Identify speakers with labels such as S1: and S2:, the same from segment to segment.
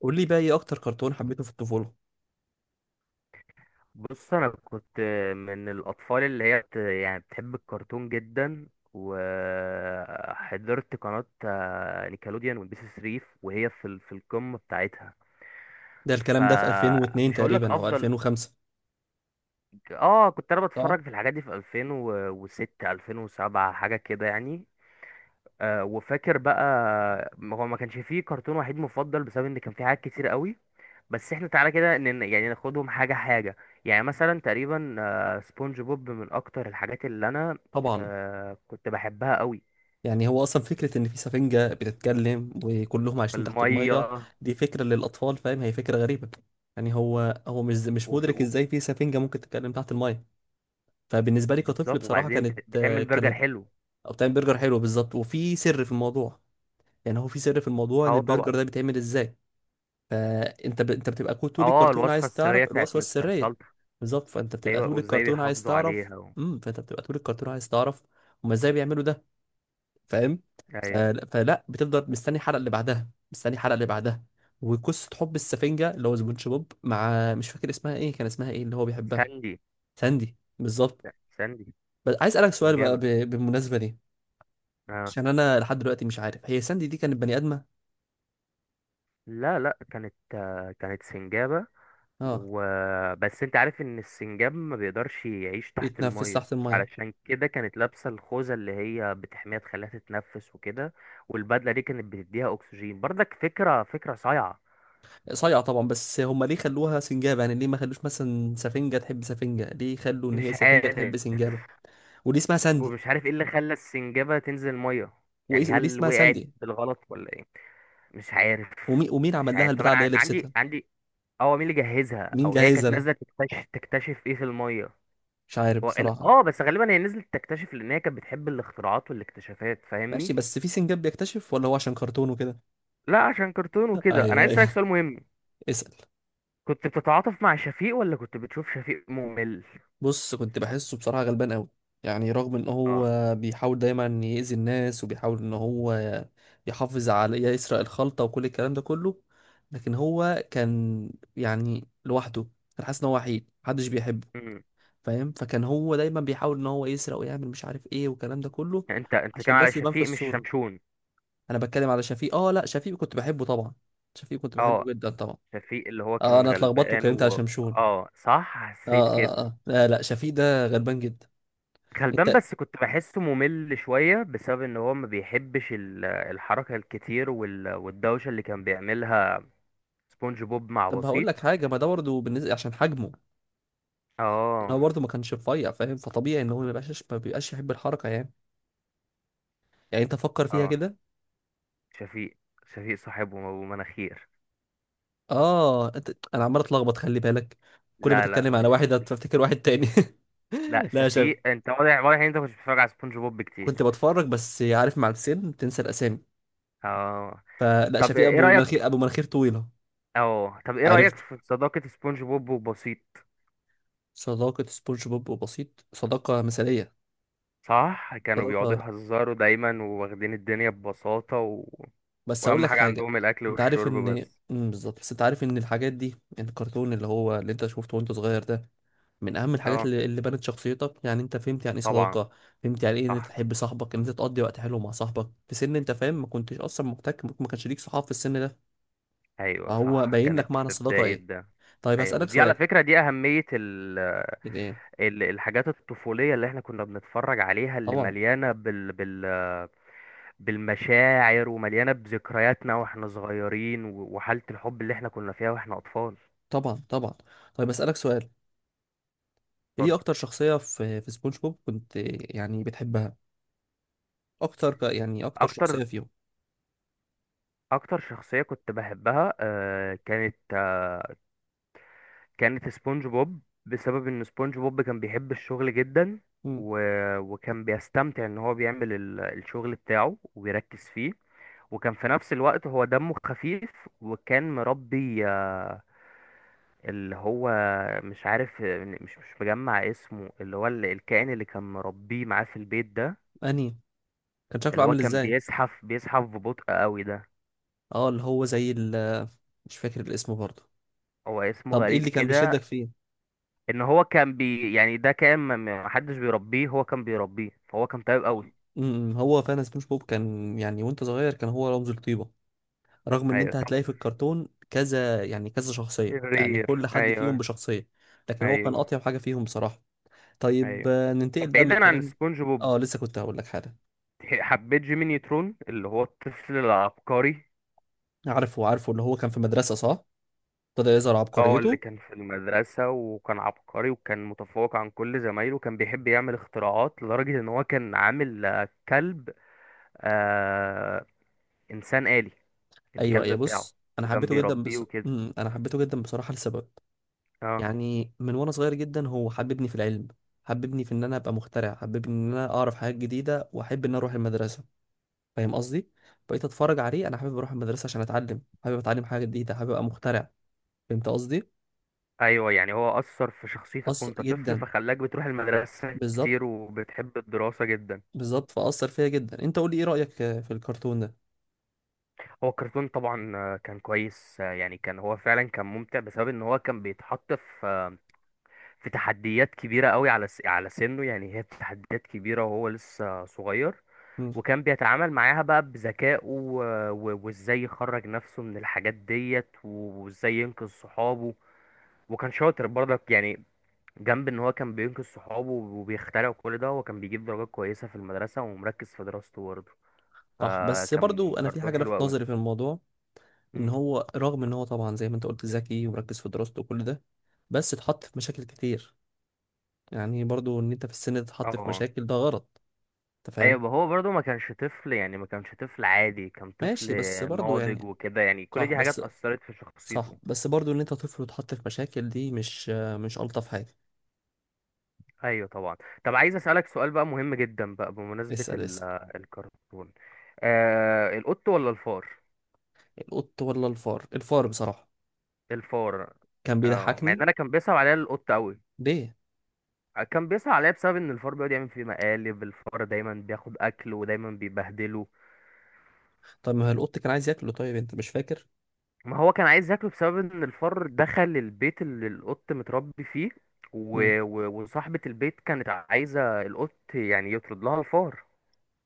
S1: قول لي بقى ايه اكتر كرتون حبيته في الطفوله؟
S2: بص انا كنت من الاطفال اللي هي يعني بتحب الكرتون جدا. وحضرت قناة نيكلوديان والبي سي 3 وهي في في القمة بتاعتها.
S1: ده الكلام ده في 2002
S2: فمش هقول لك
S1: تقريبا او
S2: افضل.
S1: 2005.
S2: اه كنت انا
S1: اه،
S2: بتفرج في الحاجات دي في 2006 2007 حاجة كده يعني. وفاكر بقى، ما هو ما كانش فيه كرتون وحيد مفضل بسبب ان كان فيه حاجات كتير قوي. بس احنا تعالى كده، يعني ناخدهم حاجة حاجة. يعني مثلا تقريبا سبونج بوب من اكتر الحاجات اللي انا
S1: طبعا.
S2: كنت بحبها قوي.
S1: يعني هو اصلا فكره ان في سفنجه بتتكلم وكلهم عايشين تحت الميه.
S2: بالمية.
S1: دي فكره للاطفال، فاهم؟ هي فكره غريبه. يعني هو مش
S2: وفي-
S1: مدرك
S2: و-
S1: ازاي في سفنجه ممكن تتكلم تحت الميه. فبالنسبه لي كطفل
S2: بالظبط،
S1: بصراحه
S2: وبعدين
S1: كانت آه،
S2: بتعمل برجر
S1: كانت
S2: حلو.
S1: او بتعمل برجر حلو، بالظبط. وفي سر في الموضوع. يعني هو في سر في الموضوع ان
S2: اه،
S1: البرجر
S2: طبعا.
S1: ده بيتعمل ازاي. فانت انت بتبقى طول
S2: اه،
S1: الكرتون
S2: الوصفة
S1: عايز
S2: السرية
S1: تعرف
S2: بتاعت
S1: الوصفه
S2: مستر
S1: السريه.
S2: سلطة.
S1: بالظبط، فانت بتبقى
S2: ايوه،
S1: طول
S2: وازاي
S1: الكرتون عايز
S2: بيحافظوا
S1: تعرف.
S2: عليها.
S1: فانت بتبقى طول الكرتون عايز تعرف هما ازاي بيعملوا ده. فاهم؟
S2: ايوه،
S1: فلا بتفضل مستني الحلقه اللي بعدها، مستني الحلقه اللي بعدها. وقصه حب السفنجه اللي هو سبونج بوب مع، مش فاكر اسمها ايه، كان اسمها ايه اللي هو بيحبها؟
S2: ساندي.
S1: ساندي، بالظبط.
S2: لا، ساندي.
S1: بس عايز اسالك سؤال بقى
S2: سنجابة.
S1: بالمناسبه دي،
S2: اه،
S1: عشان انا لحد دلوقتي مش عارف هي ساندي دي كانت بني ادمه؟
S2: لا، لا، كانت سنجابة.
S1: اه،
S2: وبس انت عارف ان السنجاب ما بيقدرش يعيش تحت
S1: بيتنفس
S2: المية.
S1: تحت الميه.
S2: علشان كده كانت لابسة الخوذة اللي هي بتحميها تخليها تتنفس وكده. والبدلة دي كانت بتديها اكسجين برضك، فكرة فكرة صايعة.
S1: صايعة طبعا، بس هم ليه خلوها سنجابة؟ يعني ليه ما خلوش مثلا سفنجة تحب سفنجة، ليه خلوا ان هي
S2: مش
S1: سفنجة
S2: عارف.
S1: تحب سنجابة؟ وليه اسمها ساندي؟
S2: ومش عارف ايه اللي خلى السنجابة تنزل مية،
S1: وايه
S2: يعني
S1: وليه
S2: هل
S1: اسمها
S2: وقعت
S1: ساندي؟
S2: بالغلط ولا ايه؟ مش عارف.
S1: ومين
S2: مش
S1: عمل لها
S2: عارف. طب
S1: البتاع اللي هي
S2: انا عندي
S1: لبستها؟
S2: عندي اه مين اللي جهزها؟
S1: مين
S2: او هي
S1: جهزها
S2: كانت
S1: لها؟
S2: نازلة تكتشف ايه في المية.
S1: مش عارف
S2: هو ال-
S1: بصراحة.
S2: اه بس غالبا هي نزلت تكتشف لان هي كانت بتحب الاختراعات والاكتشافات،
S1: ماشي،
S2: فاهمني.
S1: بس في سنجاب بيكتشف؟ ولا هو عشان كرتون وكده؟
S2: لا، عشان كرتون وكده. انا
S1: ايوه،
S2: عايز اسالك
S1: ايوه.
S2: سؤال مهم.
S1: اسأل.
S2: كنت بتتعاطف مع شفيق ولا كنت بتشوف شفيق ممل؟
S1: بص، كنت بحسه بصراحة غلبان قوي. يعني رغم ان
S2: اه.
S1: هو بيحاول دايما يأذي الناس، وبيحاول ان هو يحافظ على، يسرق الخلطة وكل الكلام ده كله، لكن هو كان يعني لوحده. كان حاسس ان هو وحيد محدش بيحبه،
S2: امم
S1: فاهم؟ فكان هو دايما بيحاول ان هو يسرق ويعمل مش عارف ايه والكلام ده كله
S2: انت كان
S1: عشان
S2: على
S1: بس يبان في
S2: شفيق مش
S1: الصورة.
S2: شمشون.
S1: انا بتكلم على شفيق. اه، لا، شفيق كنت بحبه طبعا. شفيق كنت بحبه
S2: اه.
S1: جدا طبعا.
S2: شفيق اللي هو
S1: اه،
S2: كان
S1: انا اتلخبطت
S2: غلبان
S1: وكلمت على
S2: و
S1: شمشون.
S2: صح، حسيت
S1: اه اه
S2: كده.
S1: اه، لا لا، شفيق ده غلبان جدا.
S2: غلبان،
S1: انت.
S2: بس كنت بحسه ممل شوية بسبب ان هو ما بيحبش الحركة الكتير والدوشة اللي كان بيعملها. سبونج بوب مع
S1: طب هقول
S2: بسيط.
S1: لك حاجه، ما ده برضه بالنسبه عشان حجمه. يعني
S2: اه،
S1: هو برضه ما كانش رفيع، فاهم؟ فطبيعي ان هو ما بيبقاش يحب الحركه يعني. يعني انت فكر فيها
S2: اه.
S1: كده.
S2: شفيق، شفيق صاحبه ابو مناخير.
S1: اه، انا عمال اتلخبط، خلي بالك. كل ما
S2: لا، لا،
S1: تتكلم على
S2: مش
S1: واحد
S2: مش
S1: هتفتكر واحد تاني.
S2: لا،
S1: لا يا شباب.
S2: شفيق، انت واضح، واضح ان انت مش بتتفرج على سبونج بوب
S1: كنت
S2: كتير.
S1: بتفرج، بس عارف مع السن بتنسى الاسامي.
S2: اه،
S1: فلا،
S2: طب
S1: شفيق
S2: ايه
S1: ابو
S2: رايك؟
S1: مناخير، ابو مناخير طويله.
S2: اه، طب ايه رايك
S1: عرفت؟
S2: في صداقه سبونج بوب وبسيط؟
S1: صداقه سبونج بوب وبسيط صداقه مثاليه.
S2: صح، كانوا بيقعدوا
S1: صداقه.
S2: يهزروا دايما وواخدين الدنيا ببساطه.
S1: بس هقول
S2: واهم
S1: لك
S2: حاجه
S1: حاجه.
S2: عندهم الاكل
S1: انت عارف
S2: والشرب
S1: ان
S2: بس.
S1: بالظبط، بس انت عارف ان الحاجات دي الكرتون اللي هو اللي انت شفته وانت صغير ده من اهم الحاجات
S2: اه،
S1: اللي بنت شخصيتك. يعني انت فهمت يعني ايه
S2: طبعا.
S1: صداقه. فهمت يعني ايه ان انت
S2: صح.
S1: تحب صاحبك، ان انت تقضي وقت حلو مع صاحبك في سن انت فاهم، ما كنتش اصلا محتاج، ما كانش ليك صحاب في السن ده.
S2: ايوه،
S1: فهو
S2: صح،
S1: باين لك
S2: كانت
S1: معنى
S2: في
S1: الصداقه
S2: بدايه
S1: ايه.
S2: ده.
S1: طيب
S2: ايوه،
S1: هسالك
S2: ودي على
S1: سؤال.
S2: فكره دي اهميه،
S1: يعني ايه؟
S2: الحاجات الطفولية اللي احنا كنا بنتفرج عليها، اللي
S1: طبعا،
S2: مليانة بالمشاعر، ومليانة بذكرياتنا واحنا وحالة الحب اللي احنا كنا فيها واحنا أطفال.
S1: طبعا، طبعا. طيب هسالك سؤال، ايه
S2: اتفضل.
S1: اكتر شخصيه في سبونج بوب كنت يعني بتحبها؟ اكتر يعني اكتر
S2: أكتر
S1: شخصيه فيهم؟
S2: أكتر شخصية كنت بحبها كانت سبونج بوب، بسبب ان سبونج بوب كان بيحب الشغل جدا.
S1: امم.
S2: و... وكان بيستمتع ان هو بيعمل الشغل بتاعه وبيركز فيه. وكان في نفس الوقت هو دمه خفيف. وكان مربي اللي هو مش عارف، مش مش مجمع اسمه، اللي هو الكائن اللي كان مربيه معاه في البيت ده.
S1: انهي؟ كان شكله
S2: اللي هو
S1: عامل
S2: كان
S1: ازاي؟
S2: بيزحف بيزحف ببطء قوي ده.
S1: اه، اللي هو زي ال، مش فاكر الاسم برضه.
S2: هو اسمه
S1: طب ايه
S2: غريب
S1: اللي كان
S2: كده.
S1: بيشدك فيه؟
S2: ان هو كان يعني ده كان ما حدش بيربيه، هو كان بيربيه، فهو كان طيب قوي.
S1: هو فعلا سبونج بوب كان يعني وانت صغير كان هو رمز الطيبة. رغم ان
S2: ايوه،
S1: انت
S2: طب.
S1: هتلاقي في الكرتون كذا، يعني كذا شخصية، يعني
S2: شرير.
S1: كل حد فيهم
S2: ايوه.
S1: بشخصية، لكن هو كان
S2: ايوه.
S1: اطيب حاجة فيهم بصراحة. طيب،
S2: ايوه، طب
S1: ننتقل بقى من
S2: بعيدا عن
S1: الكلام.
S2: سبونج بوب،
S1: اه، لسه كنت هقول لك حاجة.
S2: حبيت جيمي نيوترون اللي هو الطفل العبقري.
S1: عارفه، عارفه، اللي هو كان في مدرسة، صح. ابتدى يظهر
S2: اه، اللي
S1: عبقريته.
S2: كان في المدرسة وكان عبقري وكان متفوق عن كل زمايله وكان بيحب يعمل اختراعات لدرجة ان هو كان عامل كلب، آه انسان آلي،
S1: ايوه،
S2: الكلب
S1: ايوه.
S2: بتاعه
S1: بص انا
S2: وكان
S1: حبيته جدا
S2: بيربيه
S1: بص...
S2: وكده.
S1: مم، انا حبيته جدا بصراحة لسبب.
S2: اه.
S1: يعني من وانا صغير جدا هو حببني في العلم. حببني في ان انا ابقى مخترع، حببني ان انا اعرف حاجات جديده، واحب ان أنا اروح المدرسه. فاهم قصدي؟ بقيت اتفرج عليه انا حابب اروح المدرسه عشان اتعلم، حابب اتعلم حاجه جديده، حابب ابقى مخترع. فهمت قصدي؟
S2: ايوه، يعني هو اثر في شخصيتك
S1: اثر
S2: وانت طفل
S1: جدا.
S2: فخلاك بتروح المدرسه
S1: بالظبط.
S2: كتير وبتحب الدراسه جدا.
S1: بالظبط، فاثر فيا جدا. انت قول لي ايه رايك في الكرتون ده.
S2: هو الكرتون طبعا كان كويس، يعني كان هو فعلا كان ممتع بسبب ان هو كان بيتحط في في تحديات كبيره قوي على على سنه، يعني هي تحديات كبيره وهو لسه صغير.
S1: مم.
S2: وكان بيتعامل معاها بقى بذكائه، وازاي يخرج نفسه من الحاجات ديت وازاي ينقذ صحابه. وكان شاطر برضك يعني. جنب ان هو كان بينقذ صحابه وبيخترع كل ده، هو كان بيجيب درجات كويسة في المدرسة ومركز في دراسته برضه.
S1: صح، بس
S2: فكان
S1: برضو انا في
S2: كرتون
S1: حاجه
S2: حلو
S1: لفت
S2: قوي.
S1: نظري في الموضوع. ان
S2: مم.
S1: هو رغم ان هو طبعا زي ما انت قلت ذكي ومركز في دراسته وكل ده، بس اتحط في مشاكل كتير. يعني برضو ان انت في السن ده تتحط في
S2: اه،
S1: مشاكل ده غلط. انت فاهم؟
S2: ايوه. هو برضه ما كانش طفل، يعني ما كانش طفل عادي، كان طفل
S1: ماشي بس برضو
S2: ناضج
S1: يعني.
S2: وكده، يعني كل
S1: صح
S2: دي حاجات
S1: بس
S2: أثرت في
S1: صح
S2: شخصيته.
S1: بس برضو ان انت طفل وتحط في مشاكل دي مش، مش الطف حاجه.
S2: ايوه، طبعا. طب عايز أسألك سؤال بقى مهم جدا بقى بمناسبة
S1: اسال اسال.
S2: الكرتون. القط ولا الفار؟
S1: القط ولا الفار؟ الفار بصراحه،
S2: الفار.
S1: كان
S2: اه، مع ان
S1: بيضحكني.
S2: انا كان بيصعب عليا القط قوي.
S1: ليه؟
S2: كان بيصعب عليا بسبب ان الفار بيقعد يعمل فيه مقالب، الفار دايما بياخد اكل ودايما بيبهدله.
S1: طب ما هو القط كان عايز ياكله، طيب انت مش فاكر.
S2: ما هو كان عايز ياكله بسبب ان الفار دخل البيت اللي القط متربي فيه.
S1: مم.
S2: وصاحبة البيت كانت عايزة القط يعني يطرد لها الفار.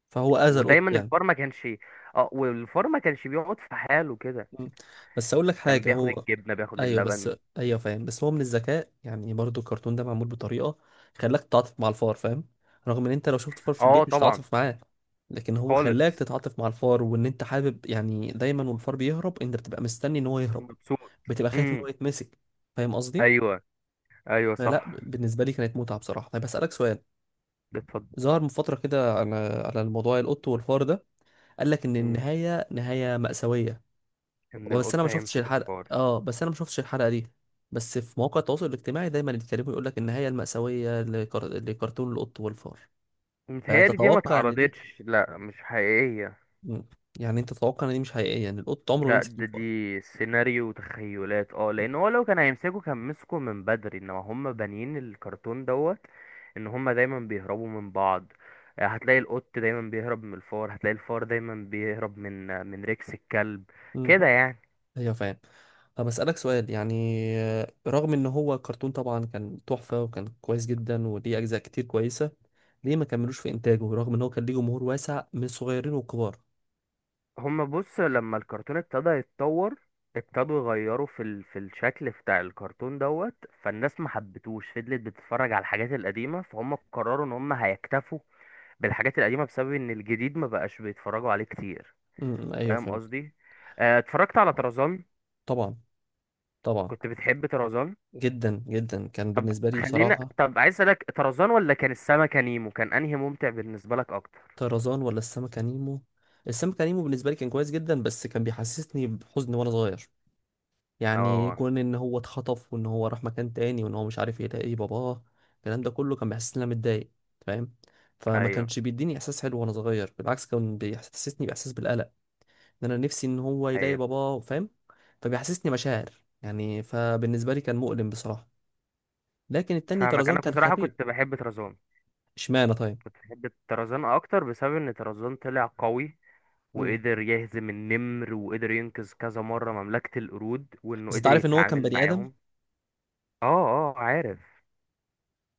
S1: فهو اذى القط
S2: ودايما
S1: يعني.
S2: الفار ما كانش، اه والفار ما كانش بيقعد في حاله كده،
S1: مم. بس اقول لك
S2: كان
S1: حاجه،
S2: بياخد
S1: هو.
S2: الجبنة بياخد
S1: ايوه بس.
S2: اللبن.
S1: ايوه، فاهم. بس هو من الذكاء، يعني برضو الكرتون ده معمول بطريقه خلاك تتعاطف مع الفار، فاهم؟ رغم ان انت لو شفت فار في
S2: اه،
S1: البيت مش
S2: طبعا.
S1: هتتعاطف معاه، لكن هو خلاك
S2: خالص.
S1: تتعاطف مع الفار، وان انت حابب يعني دايما والفار بيهرب انت بتبقى مستني ان هو يهرب.
S2: مبسوط.
S1: بتبقى خايف ان هو
S2: امم.
S1: يتمسك. فاهم قصدي؟
S2: ايوه، ايوه،
S1: فلا،
S2: صح.
S1: بالنسبه لي كانت متعه بصراحه. طيب اسالك سؤال.
S2: اتفضل.
S1: ظهر من فتره كده على الموضوع القط والفار ده، قال لك ان
S2: مم.
S1: النهايه نهايه مأساويه.
S2: ان القط هيمسك الفار.
S1: بس انا ما شفتش الحلقه دي، بس في مواقع التواصل الاجتماعي دايما يتكلموا يقول لك النهايه المأساويه لكرتون القط والفار.
S2: متهيألي دي ما
S1: فتتوقع ان دي.
S2: اتعرضتش، لا، مش حقيقية.
S1: مم. يعني انت تتوقع ان دي مش حقيقيه يعني القط عمره ما
S2: لا،
S1: يمسك
S2: ده
S1: الفار.
S2: دي سيناريو وتخيلات. اه لان هو لو كان هيمسكه كان مسكه من بدري، انما هم بانيين الكرتون دوت ان هم دايما بيهربوا من بعض. هتلاقي القط دايما بيهرب من الفار، هتلاقي الفار دايما بيهرب من من ريكس الكلب،
S1: امم،
S2: كده يعني.
S1: ايوه، فاهم. طب أسألك سؤال يعني، رغم إن هو كرتون طبعا كان تحفة، وكان كويس جدا وليه أجزاء كتير كويسة، ليه ما كملوش في إنتاجه رغم إن هو كان ليه جمهور واسع من الصغيرين والكبار؟
S2: هم بص، لما الكرتون ابتدى يتطور ابتدوا يغيروا في في الشكل بتاع الكرتون دوت. فالناس ما حبتوش، فضلت بتتفرج على الحاجات القديمة، فهم قرروا ان هم هيكتفوا بالحاجات القديمة بسبب ان الجديد ما بقاش بيتفرجوا عليه كتير.
S1: امم، أيوه،
S2: فاهم
S1: فهمت.
S2: قصدي. اتفرجت على طرزان.
S1: طبعا، طبعا.
S2: كنت بتحب طرزان؟
S1: جدا جدا، كان بالنسبة لي بصراحة.
S2: طب عايز اسالك، طرزان ولا كان السمكة نيمو، كان انهي ممتع بالنسبة لك اكتر؟
S1: طرزان ولا السمكة نيمو؟ السمكة نيمو بالنسبة لي كان كويس جدا، بس كان بيحسسني بحزن وانا صغير. يعني
S2: اه.
S1: كون ان هو اتخطف، وان هو راح مكان تاني، وان هو مش عارف يلاقي باباه. الكلام ده كله كان بيحسسني ان انا متضايق، فاهم؟ فما
S2: ايوه.
S1: كانش بيديني احساس حلو وانا صغير، بالعكس كان بيحسسني باحساس بالقلق. ان انا نفسي ان هو يلاقي
S2: ايوه،
S1: باباه، فاهم؟ فبيحسسني مشاعر يعني. فبالنسبة لي كان مؤلم بصراحة، لكن التاني
S2: فاهمك.
S1: طرزان
S2: انا
S1: كان
S2: بصراحة
S1: خفيف.
S2: كنت بحب طرزان.
S1: اشمعنى طيب؟
S2: كنت بحب طرزان اكتر بسبب ان طرزان طلع قوي
S1: مم.
S2: وقدر يهزم النمر وقدر ينقذ كذا مرة مملكة القرود، وانه
S1: بس انت
S2: قدر
S1: عارف ان هو كان
S2: يتعامل
S1: بني ادم.
S2: معاهم. اه. اه، عارف.